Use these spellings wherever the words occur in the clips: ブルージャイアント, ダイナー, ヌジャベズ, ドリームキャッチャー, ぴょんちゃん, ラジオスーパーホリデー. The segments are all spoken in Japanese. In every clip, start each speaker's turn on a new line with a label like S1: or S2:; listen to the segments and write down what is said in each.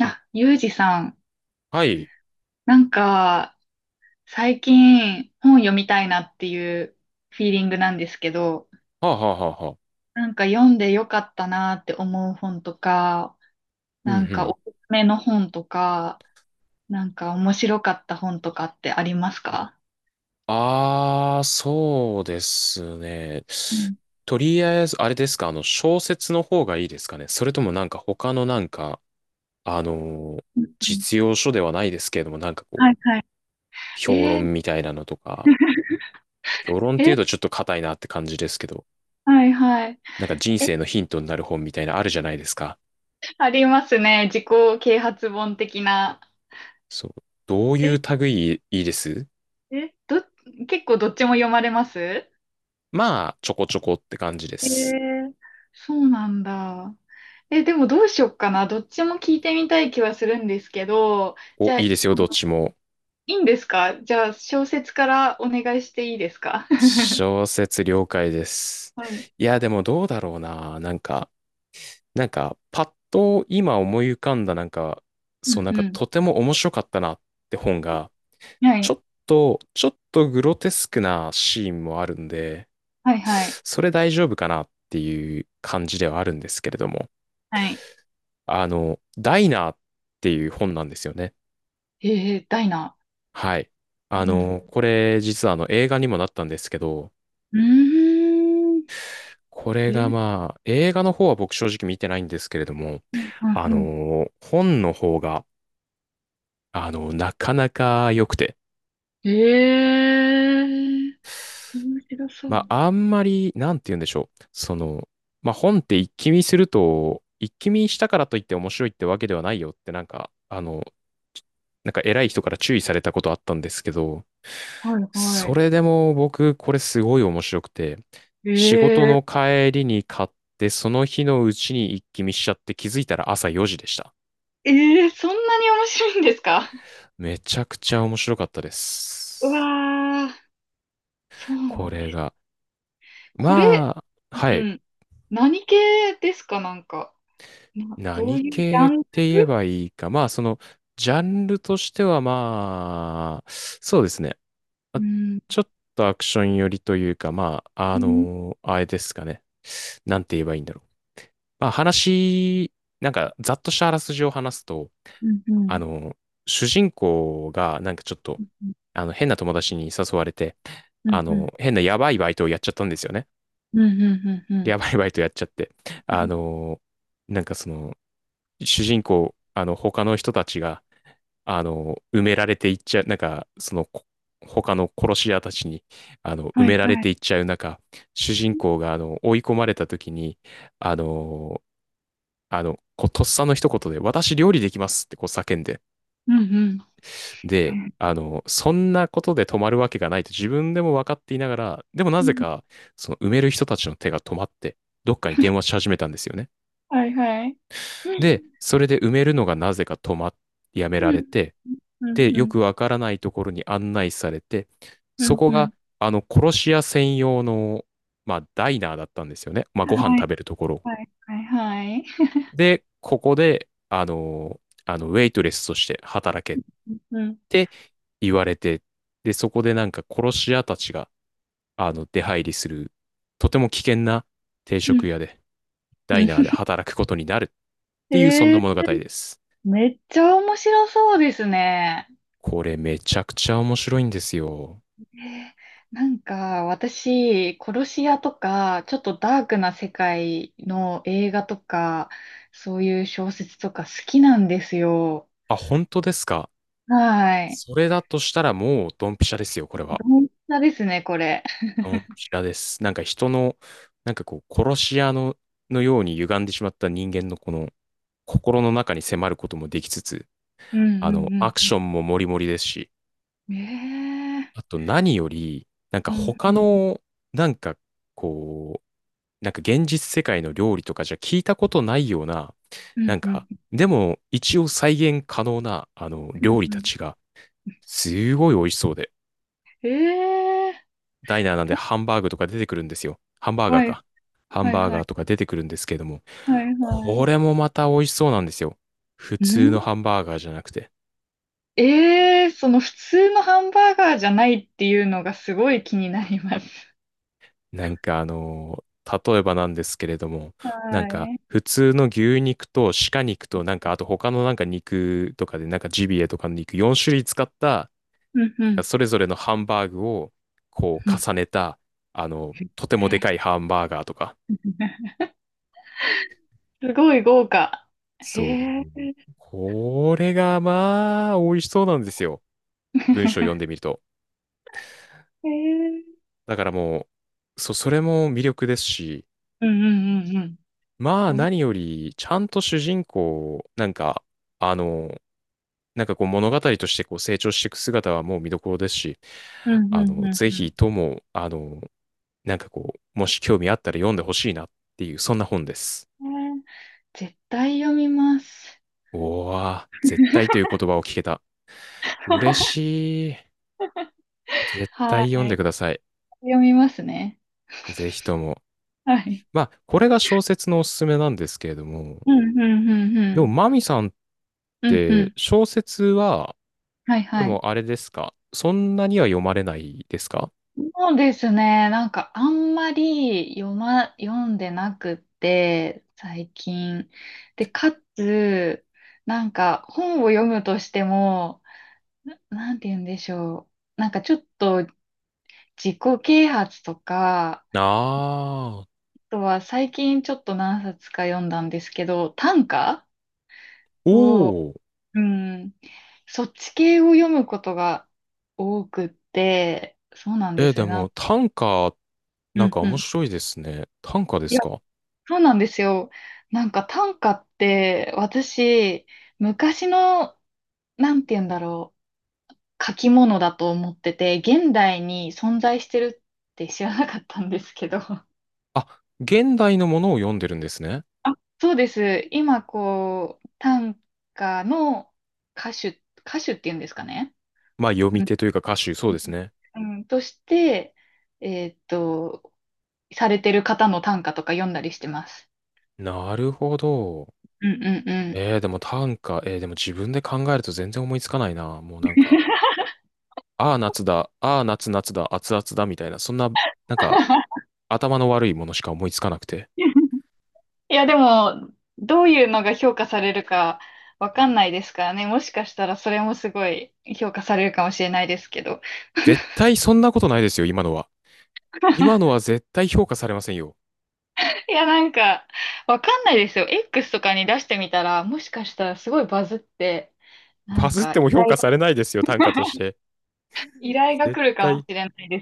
S1: あ、ゆうじさん、
S2: はい。
S1: なんか、最近本読みたいなっていうフィーリングなんですけど、
S2: はあ、はあはあはあ。
S1: なんか読んでよかったなって思う本とか、
S2: うんう
S1: なんかお
S2: ん。
S1: すすめの本とか、なんか面白かった本とかってありますか？
S2: ああ、そうですね。
S1: うん。
S2: とりあえず、あれですか、小説の方がいいですかね。それともなんか他のなんか、あのー
S1: うんうん。
S2: 実用書ではないですけれども、なんかこう、
S1: はいはい。
S2: 評
S1: えー。
S2: 論みたいなのとか、評論って
S1: え。
S2: いう とちょっと硬いなって感じですけど、
S1: はいはい。
S2: なんか人
S1: え、
S2: 生のヒントになる本みたいなあるじゃないですか。
S1: ありますね。自己啓発本的な。
S2: そう。どうい
S1: え、
S2: う類いいです？
S1: え、結構どっちも読まれます？
S2: まあ、ちょこちょこって感じで
S1: え
S2: す。
S1: ー、そうなんだ。え、でもどうしよっかな。どっちも聞いてみたい気はするんですけど、
S2: お、
S1: じゃあ、
S2: いいですよ、
S1: あ
S2: どっ
S1: の
S2: ちも。
S1: いいんですか？じゃあ、小説からお願いしていいですか？
S2: 小 説了解です。
S1: はい。
S2: いや、でもどうだろうな。なんか、なんか、パッと今思い浮かんだ、なんか、
S1: う
S2: そう、
S1: ん
S2: なんか
S1: うん。
S2: とても面白かったなって本が、
S1: は
S2: ちょ
S1: い。
S2: っと、ちょっとグロテスクなシーンもあるんで、
S1: はいはい。
S2: それ大丈夫かなっていう感じではあるんですけれども、
S1: はい。
S2: ダイナーっていう本なんですよね。
S1: えー、ダイナ。
S2: はい。
S1: うん。
S2: これ実はあの映画にもなったんですけど、
S1: うーん。
S2: これ
S1: え
S2: が
S1: ー。
S2: まあ、映画の方は僕正直見てないんですけれども、
S1: うんうん
S2: あの
S1: うん。
S2: 本の方が、なかなか良くて、
S1: えー、面白そう。
S2: まあ、あんまり、なんて言うんでしょう。その、まあ、本って一気見すると、一気見したからといって面白いってわけではないよって、なんか、なんか偉い人から注意されたことあったんですけど、
S1: はいは
S2: そ
S1: い。
S2: れでも僕、これすごい面白くて、
S1: え
S2: 仕事
S1: ー。
S2: の帰りに買って、その日のうちに一気見しちゃって気づいたら朝4時でした。
S1: えー、そんなに面白いんですか？
S2: めちゃくちゃ面白かったで
S1: う
S2: す。
S1: わー。そうなん
S2: こ
S1: だ。
S2: れが。
S1: これ。
S2: まあ、は
S1: う
S2: い。
S1: ん。何系ですか、なんか。な、どう
S2: 何
S1: いうジャ
S2: 系って
S1: ンル？
S2: 言えばいいか。まあ、その、ジャンルとしてはまあ、そうですね。
S1: う
S2: あ
S1: ん。
S2: ちょっとアクション寄りというか、まあ、
S1: う
S2: あ
S1: ん、
S2: のあれですかね。なんて言えばいいんだろう。まあ、話、なんか、ざっとしたあらすじを話すと、
S1: うん、う
S2: あ
S1: ん、
S2: の主人公が、なんかちょっと、
S1: うん、
S2: 変な友達に誘われて、
S1: うん、うん、
S2: 変なやばいバイトをやっちゃったんですよね。
S1: うん、うんう
S2: リア
S1: ん。
S2: バイバイとやっちゃって、あのなんかその、主人公、他の人たちが、埋められていっちゃう、なんか、その、他の殺し屋たちに、埋
S1: はい、
S2: められ
S1: はい。
S2: ていっちゃう中、主人公が、追い込まれた時に、あのーこう、とっさの一言で、私料理できますってこう叫んで、
S1: うん、うん。
S2: で、そんなことで止まるわけがないと自分でも分かっていながら、でもな
S1: う
S2: ぜ
S1: ん、
S2: か、その埋める人たちの手が止まって、どっかに電話し始めたんですよね。
S1: はい、はい。う
S2: で、
S1: ん、
S2: それで埋めるのがなぜか止まっ、やめ
S1: う
S2: られ
S1: ん、
S2: て、
S1: う
S2: で、
S1: ん、う
S2: よ
S1: ん、
S2: くわからないところに案内されて、
S1: う
S2: そ
S1: ん、
S2: こ
S1: うん。
S2: が、殺し屋専用の、まあ、ダイナーだったんですよね。まあ、ご飯
S1: はい、
S2: 食べるところ。
S1: はい、はい、はい。
S2: で、ここで、ウェイトレスとして働けっ
S1: うん、うん、
S2: て言われて、で、そこでなんか殺し屋たちが、出入りする、とても危険な定
S1: う
S2: 食
S1: ん。
S2: 屋で、ダイナー
S1: う
S2: で働くことになるっ
S1: ん
S2: ていう、そん
S1: え
S2: な
S1: ー。
S2: 物語です。
S1: めっちゃ面白そうですね。
S2: これめちゃくちゃ面白いんですよ。
S1: えーなんか私、殺し屋とか、ちょっとダークな世界の映画とか、そういう小説とか好きなんですよ。
S2: あ、本当ですか？
S1: はい。
S2: それだとしたらもうドンピシャですよ、これは。
S1: どんなですね、これ。
S2: ドンピシャです。なんか人の、なんかこう、殺し屋の、のように歪んでしまった人間のこの心の中に迫ることもできつつ、
S1: うんうんう
S2: アク
S1: ん
S2: シ
S1: う
S2: ョンもモリモリですし、
S1: ん。ええ
S2: あと何より、なんか
S1: ー。うんう
S2: 他
S1: ん
S2: の、なんかこう、なんか現実世界の料理とかじゃ聞いたことないような、
S1: う
S2: な
S1: ん
S2: ん
S1: う
S2: か、
S1: ん
S2: でも一応再現可能なあの
S1: うん
S2: 料理
S1: う
S2: た
S1: ん。
S2: ちがすごい美味しそうで、
S1: ええ
S2: ダイナーなんでハンバーグとか出てくるんですよ。ハンバー
S1: ー。
S2: ガー
S1: はい
S2: か。ハン
S1: はい
S2: バー
S1: は
S2: ガー
S1: い
S2: とか出てくるんですけれども、
S1: はいは
S2: こ
S1: い。
S2: れもまた美味しそうなんですよ。普
S1: う
S2: 通の
S1: ん。
S2: ハンバーガーじゃなくて。
S1: ええーその普通のハンバーガーじゃないっていうのがすごい気になります。
S2: なんか例えばなんですけれども、なん
S1: は
S2: か
S1: い。
S2: 普通の牛肉と鹿肉となんかあと他のなんか肉とかでなんかジビエとかの肉4種類使った
S1: うんうん
S2: それぞれのハンバーグをこう
S1: うん。
S2: 重ねた、とてもでかいハンバーガーとか。
S1: すごい豪華。
S2: そう。
S1: へえ。
S2: これがまあ、美味しそうなんですよ。文章読んでみ ると。
S1: へえ。
S2: だからもう、そ、それも魅力ですし、
S1: うんうんうんうん。
S2: まあ
S1: おな。
S2: 何より、ちゃんと主人公、なんか、あの、なんかこう物語としてこう成長していく姿はもう見どころですし、
S1: うんうんう
S2: ぜひとも、なんかこう、もし興味あったら読んでほしいなっていう、そんな本です。
S1: んうん。へえ、絶対読みます。
S2: おー、絶対という 言葉を聞けた。嬉しい。絶
S1: は
S2: 対読んで
S1: い。
S2: ください。
S1: 読みますね。
S2: ぜひとも。
S1: はい。
S2: まあ、これが小説のおすすめなんですけれども。
S1: うんうんうんう
S2: でも、
S1: ん。
S2: マミさんっ
S1: うんう
S2: て
S1: ん。
S2: 小説は、
S1: はい
S2: で
S1: はい。
S2: もあれですかそんなには読まれないですか？
S1: そうですね。なんかあんまり読んでなくって、最近。で、かつ、なんか本を読むとしても、なんて言うんでしょう。なんかちょっと自己啓発とか、
S2: ああー。
S1: あとは最近ちょっと何冊か読んだんですけど、短歌
S2: お
S1: を、
S2: お
S1: うん、そっち系を読むことが多くって、そうなんで
S2: え、
S1: す
S2: で
S1: よ
S2: も
S1: な。
S2: 短歌、
S1: う
S2: なん
S1: ん
S2: か
S1: う
S2: 面
S1: ん。
S2: 白いですね。短歌で
S1: い
S2: す
S1: や、
S2: か？
S1: そうなんですよ。なんか短歌って私、昔の、なんて言うんだろう、書き物だと思ってて、現代に存在してるって知らなかったんですけど。
S2: あ、現代のものを読んでるんですね。
S1: そうです。今、こう、短歌の歌手、歌手っていうんですかね。
S2: まあ、読み
S1: うん。
S2: 手というか歌手、そうですね。
S1: うんとして、えーっと、されてる方の短歌とか読んだりしてます。
S2: なるほど。
S1: うんうんうん。
S2: えー、でも短歌、えー、でも自分で考えると全然思いつかないな。もうなんか、ああ、夏だ、ああ、夏、夏だ、熱々だ、みたいな、そんな、なんか、頭の悪いものしか思いつかなくて。
S1: いや、でも、どういうのが評価されるかわかんないですからね。もしかしたらそれもすごい評価されるかもしれないですけど。
S2: 絶対そんなことないですよ、今のは。今のは 絶対評価されませんよ。
S1: いや、なんか、わかんないですよ。X とかに出してみたら、もしかしたらすごいバズって、
S2: バズっても評価されないですよ、短歌として。絶対、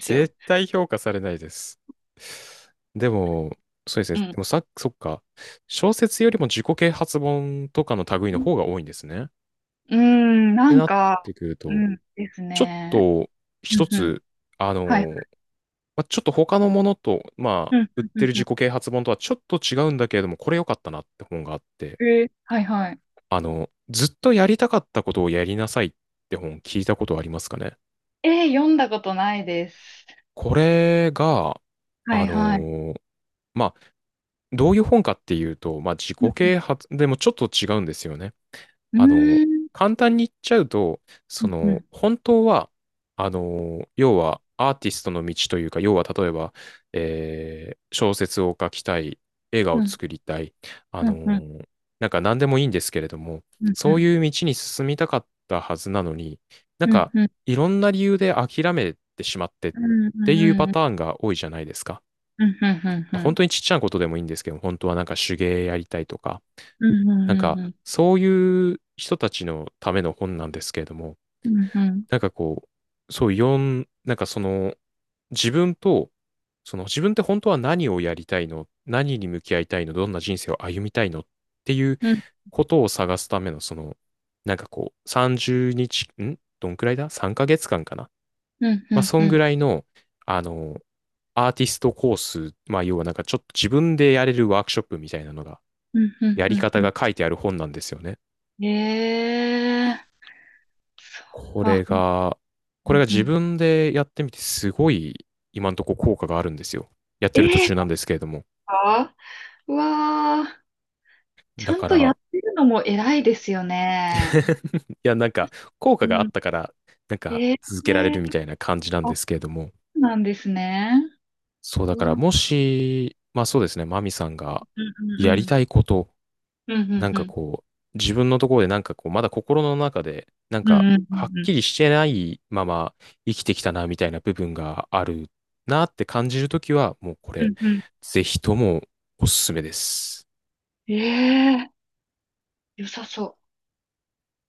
S2: 絶対評価されないです。でも、そうですね。でもさ、そっか。小説よりも自己啓発本とかの類の方が多いんですね。ってなってくると、ちょっと一つ、あのまあ、ちょっと他のものと、まあ、売ってる自己啓発本とはちょっと違うんだけれども、これ良かったなって本があって、ずっとやりたかったことをやりなさいって本聞いたことありますかね。これが、あのーまあ、どういう本かっていうと、まあ、自己啓発でもちょっと違うんですよね。あの、簡単に言っちゃうと、その、本当は、要は、アーティストの道というか、要は、例えば、えー小説を書きたい、映画を作りたい、あの、なんか何でもいいんですけれども、そういう道に進みたかったはずなのに、なんか、いろんな理由で諦めてしまってっていうパターンが多いじゃないですか。本当にちっちゃなことでもいいんですけど、本当はなんか手芸やりたいとか、なんか、そういう人たちのための本なんですけれども、なんかこう、そう、読ん、なんかその、自分と、その自分って本当は何をやりたいの、何に向き合いたいの、どんな人生を歩みたいのっていうことを探すための、その、なんかこう、30日、んどんくらいだ？ 3 ヶ月間かな。まあ、そんぐらいの、あの、アーティストコース、まあ、要はなんかちょっと自分でやれるワークショップみたいなのが、やり方が書いてある本なんですよね。これが、これが自分でやってみてすごい今のところ効果があるんですよ。やってる途中なんですけれども。
S1: かうわー、ち
S2: だ
S1: ゃ
S2: か
S1: んとや
S2: ら、
S1: ってるのも偉いですよね。
S2: いやなんか効果があ
S1: う
S2: っ
S1: ん。
S2: たから、なんか
S1: えー、
S2: 続けられるみたいな感じなん
S1: あ、
S2: で
S1: そ
S2: すけれども。
S1: うなんですね。
S2: そうだ
S1: う
S2: か
S1: わ、
S2: ら
S1: うん
S2: もし、まあそうですね、マミさんが
S1: うん
S2: や
S1: う
S2: り
S1: ん。
S2: たいこと
S1: うんう
S2: なん
S1: んう
S2: か
S1: ん。
S2: こう、自分のところでなんかこう、まだ心の中で、なん
S1: う
S2: か、
S1: んうんう
S2: はっ
S1: んう
S2: き
S1: ん。
S2: りしてないまま生きてきたな、みたいな部分があるなって感じるときは、もうこ
S1: う
S2: れ、
S1: んうん。
S2: ぜひともおすすめです。
S1: ええー、良さそう。